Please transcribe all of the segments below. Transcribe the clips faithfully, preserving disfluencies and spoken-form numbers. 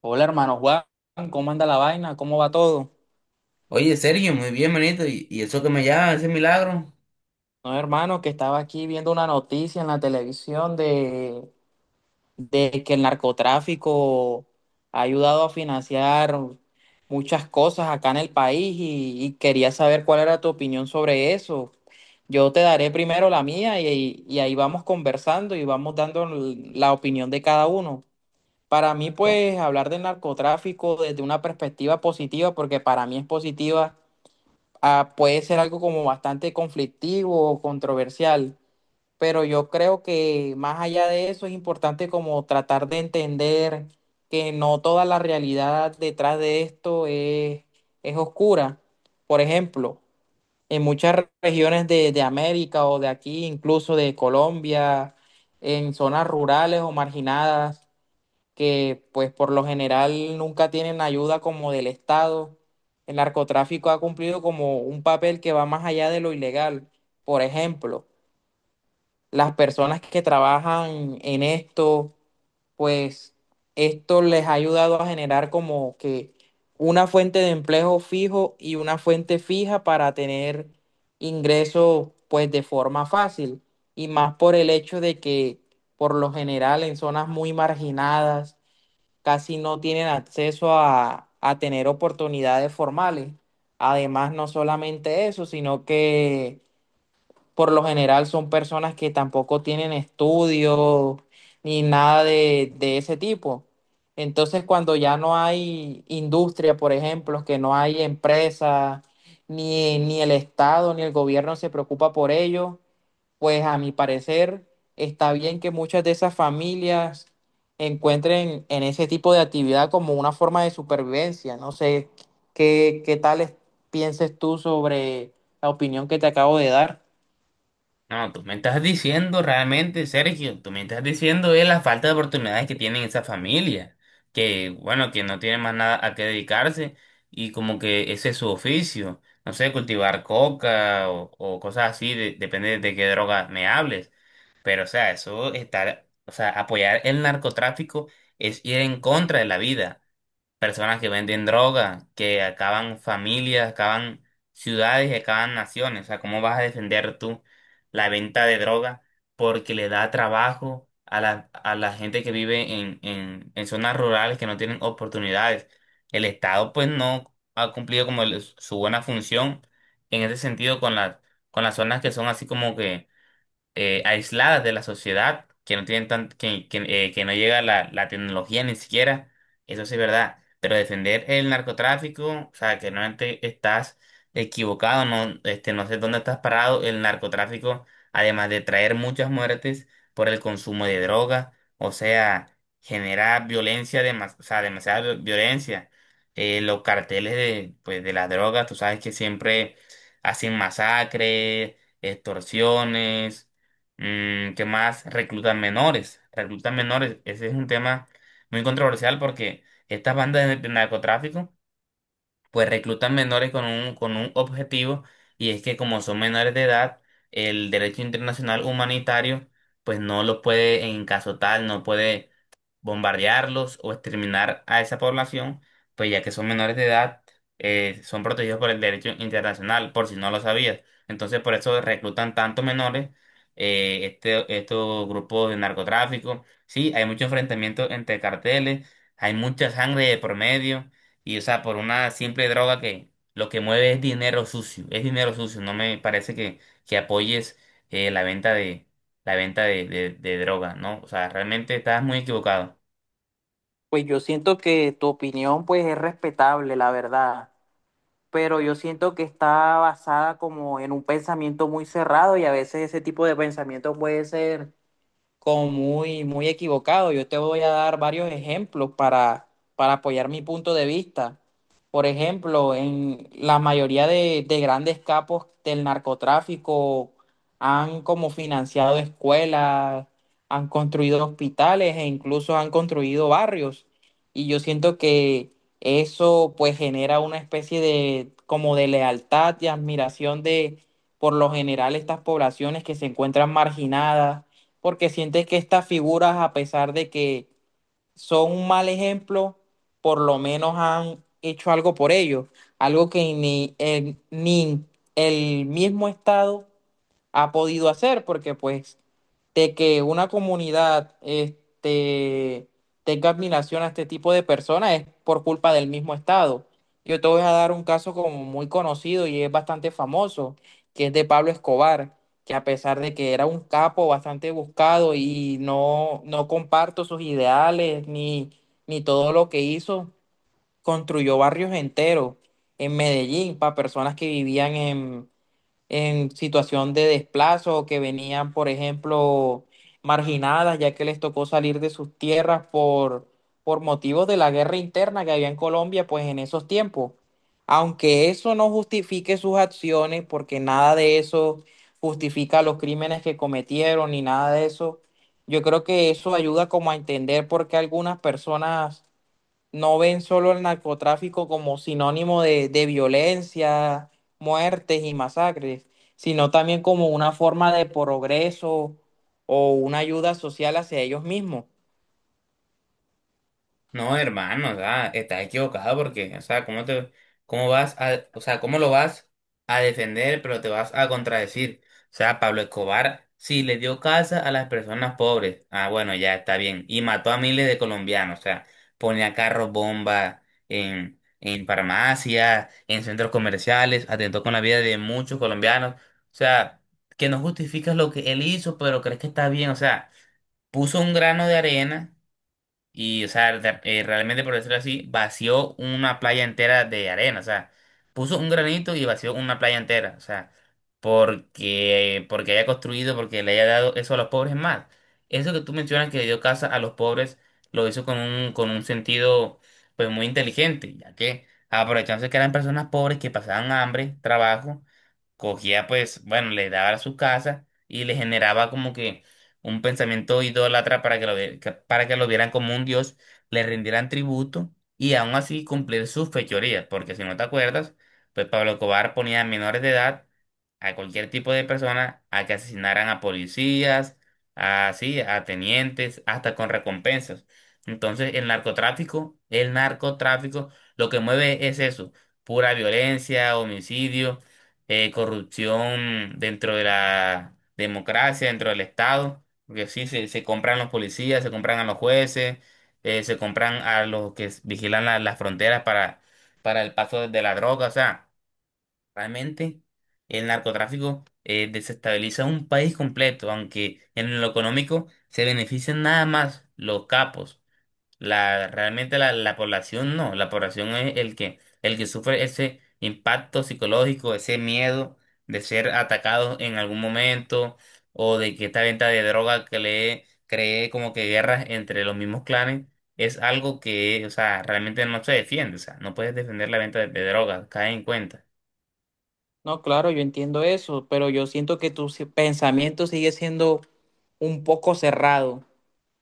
Hola hermano Juan, ¿cómo anda la vaina? ¿Cómo va todo? Oye, Sergio, muy bien, manito. ¿Y, y eso que me llama, ese milagro? No, hermano, que estaba aquí viendo una noticia en la televisión de, de que el narcotráfico ha ayudado a financiar muchas cosas acá en el país y, y quería saber cuál era tu opinión sobre eso. Yo te daré primero la mía y, y ahí vamos conversando y vamos dando la opinión de cada uno. Para mí, No, pues, hablar del narcotráfico desde una perspectiva positiva, porque para mí es positiva ah, puede ser algo como bastante conflictivo o controversial, pero yo creo que más allá de eso es importante como tratar de entender que no toda la realidad detrás de esto es, es oscura. Por ejemplo, en muchas re- regiones de, de América o de aquí, incluso de Colombia, en zonas rurales o marginadas, que pues por lo general nunca tienen ayuda como del Estado. El narcotráfico ha cumplido como un papel que va más allá de lo ilegal. Por ejemplo, las personas que trabajan en esto, pues esto les ha ayudado a generar como que una fuente de empleo fijo y una fuente fija para tener ingresos pues de forma fácil. Y más por el hecho de que por lo general en zonas muy marginadas, casi no tienen acceso a, a tener oportunidades formales. Además, no solamente eso, sino que por lo general son personas que tampoco tienen estudios ni nada de, de ese tipo. Entonces, cuando ya no hay industria, por ejemplo, que no hay empresas, ni, ni el Estado, ni el gobierno se preocupa por ello, pues a mi parecer está bien que muchas de esas familias encuentren en ese tipo de actividad como una forma de supervivencia. No sé qué, qué tal es- pienses tú sobre la opinión que te acabo de dar. no, tú me estás diciendo realmente, Sergio, tú me estás diciendo es la falta de oportunidades que tienen esa familia, que bueno, que no tienen más nada a qué dedicarse y como que ese es su oficio, no sé, cultivar coca o, o cosas así, de- depende de qué droga me hables, pero o sea, eso está, o sea, apoyar el narcotráfico es ir en contra de la vida. Personas que venden droga, que acaban familias, acaban ciudades y acaban naciones. O sea, ¿cómo vas a defender tú la venta de droga porque le da trabajo a la, a la gente que vive en, en, en zonas rurales que no tienen oportunidades? El Estado pues no ha cumplido como el- su buena función en ese sentido con las, con las zonas que son así como que eh, aisladas de la sociedad, que no tienen tan, que, que, eh, que no llega la, la tecnología ni siquiera, eso sí es verdad. Pero defender el narcotráfico, o sea, que realmente estás equivocado, no, este, no sé dónde estás parado. El narcotráfico, además de traer muchas muertes por el consumo de droga, o sea, genera violencia, demas- o sea, demasiada vi- violencia. Eh, los carteles de, pues, de las drogas, tú sabes que siempre hacen masacres, extorsiones. Mm, ¿qué más? Reclutan menores. Reclutan menores. Ese es un tema muy controversial porque estas bandas de, de narcotráfico pues reclutan menores con un, con un objetivo, y es que como son menores de edad, el derecho internacional humanitario pues no los puede en caso tal, no puede bombardearlos o exterminar a esa población, pues ya que son menores de edad, eh, son protegidos por el derecho internacional, por si no lo sabías. Entonces, por eso reclutan tantos menores, eh, este, estos grupos de narcotráfico. Sí, hay mucho enfrentamiento entre carteles, hay mucha sangre de por medio, y o sea, por una simple droga que lo que mueve es dinero sucio, es dinero sucio. No me parece que, que apoyes eh, la venta de, la venta de, de de droga, ¿no? O sea, realmente estás muy equivocado. Pues yo siento que tu opinión pues es respetable, la verdad, pero yo siento que está basada como en un pensamiento muy cerrado y a veces ese tipo de pensamiento puede ser como muy, muy equivocado. Yo te voy a dar varios ejemplos para, para apoyar mi punto de vista. Por ejemplo, en la mayoría de, de grandes capos del narcotráfico han como financiado escuelas, han construido hospitales e incluso han construido barrios. Y yo siento que eso pues genera una especie de como de lealtad y admiración de por lo general estas poblaciones que se encuentran marginadas porque sientes que estas figuras, a pesar de que son un mal ejemplo, por lo menos han hecho algo por ellos, algo que ni el, ni el mismo Estado ha podido hacer, porque pues de que una comunidad este, tenga admiración a este tipo de personas es por culpa del mismo Estado. Yo te voy a dar un caso como muy conocido y es bastante famoso, que es de Pablo Escobar, que a pesar de que era un capo bastante buscado y no, no comparto sus ideales ni, ni todo lo que hizo, construyó barrios enteros en Medellín para personas que vivían en en situación de desplazo o que venían, por ejemplo, marginadas, ya que les tocó salir de sus tierras por, por motivos de la guerra interna que había en Colombia, pues en esos tiempos. Aunque eso no justifique sus acciones, porque nada de eso justifica los crímenes que cometieron ni nada de eso, yo creo que eso ayuda como a entender por qué algunas personas no ven solo el narcotráfico como sinónimo de, de violencia, muertes y masacres, sino también como una forma de progreso o una ayuda social hacia ellos mismos. No, hermano, o sea, estás equivocado porque, o sea, ¿cómo te, cómo vas a, o sea, cómo lo vas a defender, pero te vas a contradecir? O sea, Pablo Escobar sí le dio casa a las personas pobres. Ah, bueno, ya está bien. Y mató a miles de colombianos, o sea, ponía carros bomba en, en farmacias, en centros comerciales, atentó con la vida de muchos colombianos. O sea, que no justificas lo que él hizo, pero crees que está bien, o sea, puso un grano de arena y, o sea, de- eh, realmente, por decirlo así, vació una playa entera de arena. O sea, puso un granito y vació una playa entera. O sea, porque, porque haya construido, porque le haya dado eso a los pobres es más. Eso que tú mencionas que le dio casa a los pobres, lo hizo con un, con un sentido, pues, muy inteligente, ya que aprovechándose que eran personas pobres que pasaban hambre, trabajo cogía pues, bueno, le daba a su casa y le generaba como que un pensamiento idólatra para que lo, vie- que- para que lo vieran como un dios, le rindieran tributo y aún así cumplir sus fechorías, porque si no te acuerdas, pues Pablo Cobar ponía a menores de edad a cualquier tipo de persona a que asesinaran a policías, a, sí, a tenientes, hasta con recompensas. Entonces, el narcotráfico, el narcotráfico lo que mueve es eso, pura violencia, homicidio, eh, corrupción dentro de la democracia, dentro del Estado, porque sí, se, se compran los policías, se compran a los jueces, eh, se compran a los que s- vigilan la- las fronteras para, para el paso de de la droga, o sea, realmente el narcotráfico eh, desestabiliza un país completo, aunque en lo económico se benefician nada más los capos. La, realmente la, la población no, la población es el que, el que sufre ese impacto psicológico, ese miedo de ser atacado en algún momento o de que esta venta de droga que le cree como que guerras entre los mismos clanes es algo que, o sea, realmente no se defiende, o sea, no puedes defender la venta de, de droga, cae en cuenta. No, claro, yo entiendo eso, pero yo siento que tu si- pensamiento sigue siendo un poco cerrado.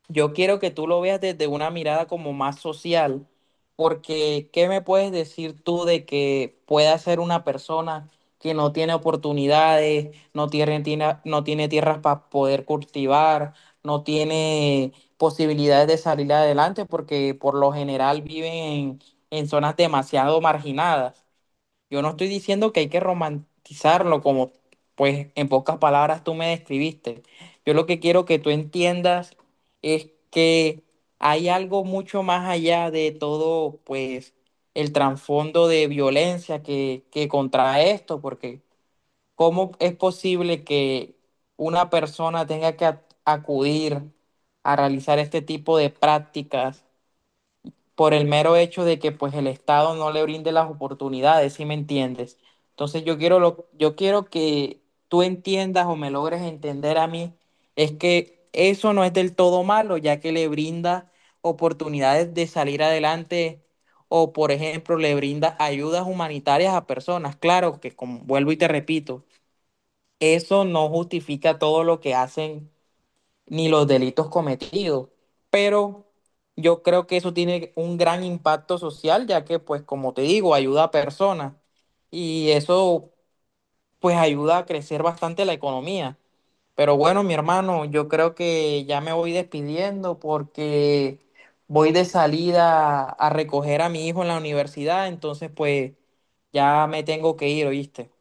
Yo quiero que tú lo veas desde una mirada como más social, porque ¿qué me puedes decir tú de que pueda ser una persona que no tiene oportunidades, no tiene, tiene- no tiene tierras para poder cultivar, no tiene posibilidades de salir adelante, porque por lo general viven en en zonas demasiado marginadas? Yo no estoy diciendo que hay que romantizarlo como, pues, en pocas palabras tú me describiste. Yo lo que quiero que tú entiendas es que hay algo mucho más allá de todo, pues, el trasfondo de violencia que, que contrae esto, porque ¿cómo es posible que una persona tenga que a- acudir a realizar este tipo de prácticas? Por el mero hecho de que pues el Estado no le brinde las oportunidades, ¿si me entiendes? Entonces yo quiero lo, yo quiero que tú entiendas o me logres entender a mí, es que eso no es del todo malo, ya que le brinda oportunidades de salir adelante o por ejemplo le brinda ayudas humanitarias a personas. Claro que como vuelvo y te repito, eso no justifica todo lo que hacen ni los delitos cometidos. Pero yo creo que eso tiene un gran impacto social, ya que, pues, como te digo, ayuda a personas y eso, pues, ayuda a crecer bastante la economía. Pero bueno, mi hermano, yo creo que ya me voy despidiendo porque voy de salida a recoger a mi hijo en la universidad, entonces, pues, ya me tengo que ir, ¿oíste?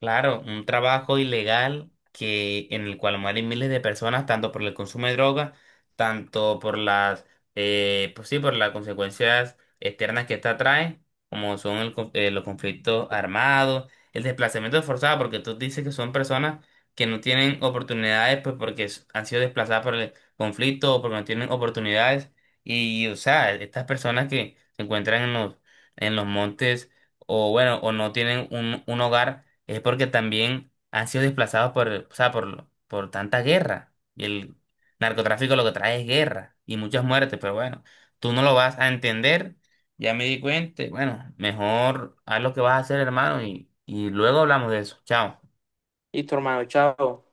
Claro, un trabajo ilegal que en el cual mueren miles de personas, tanto por el consumo de drogas, tanto por las, eh, pues sí, por las consecuencias externas que esta trae, como son el con- eh, los conflictos armados, el desplazamiento forzado, porque tú dices que son personas que no tienen oportunidades, pues porque s- han sido desplazadas por el conflicto o porque no tienen oportunidades, y o sea, estas personas que se encuentran en los, en los montes o bueno, o no tienen un un hogar es porque también han sido desplazados por, o sea, por, por tanta guerra. Y el narcotráfico lo que trae es guerra y muchas muertes, pero bueno, tú no lo vas a entender. Ya me di cuenta, bueno, mejor haz lo que vas a hacer, hermano, y, y luego hablamos de eso. Chao. Listo, hermano, chao.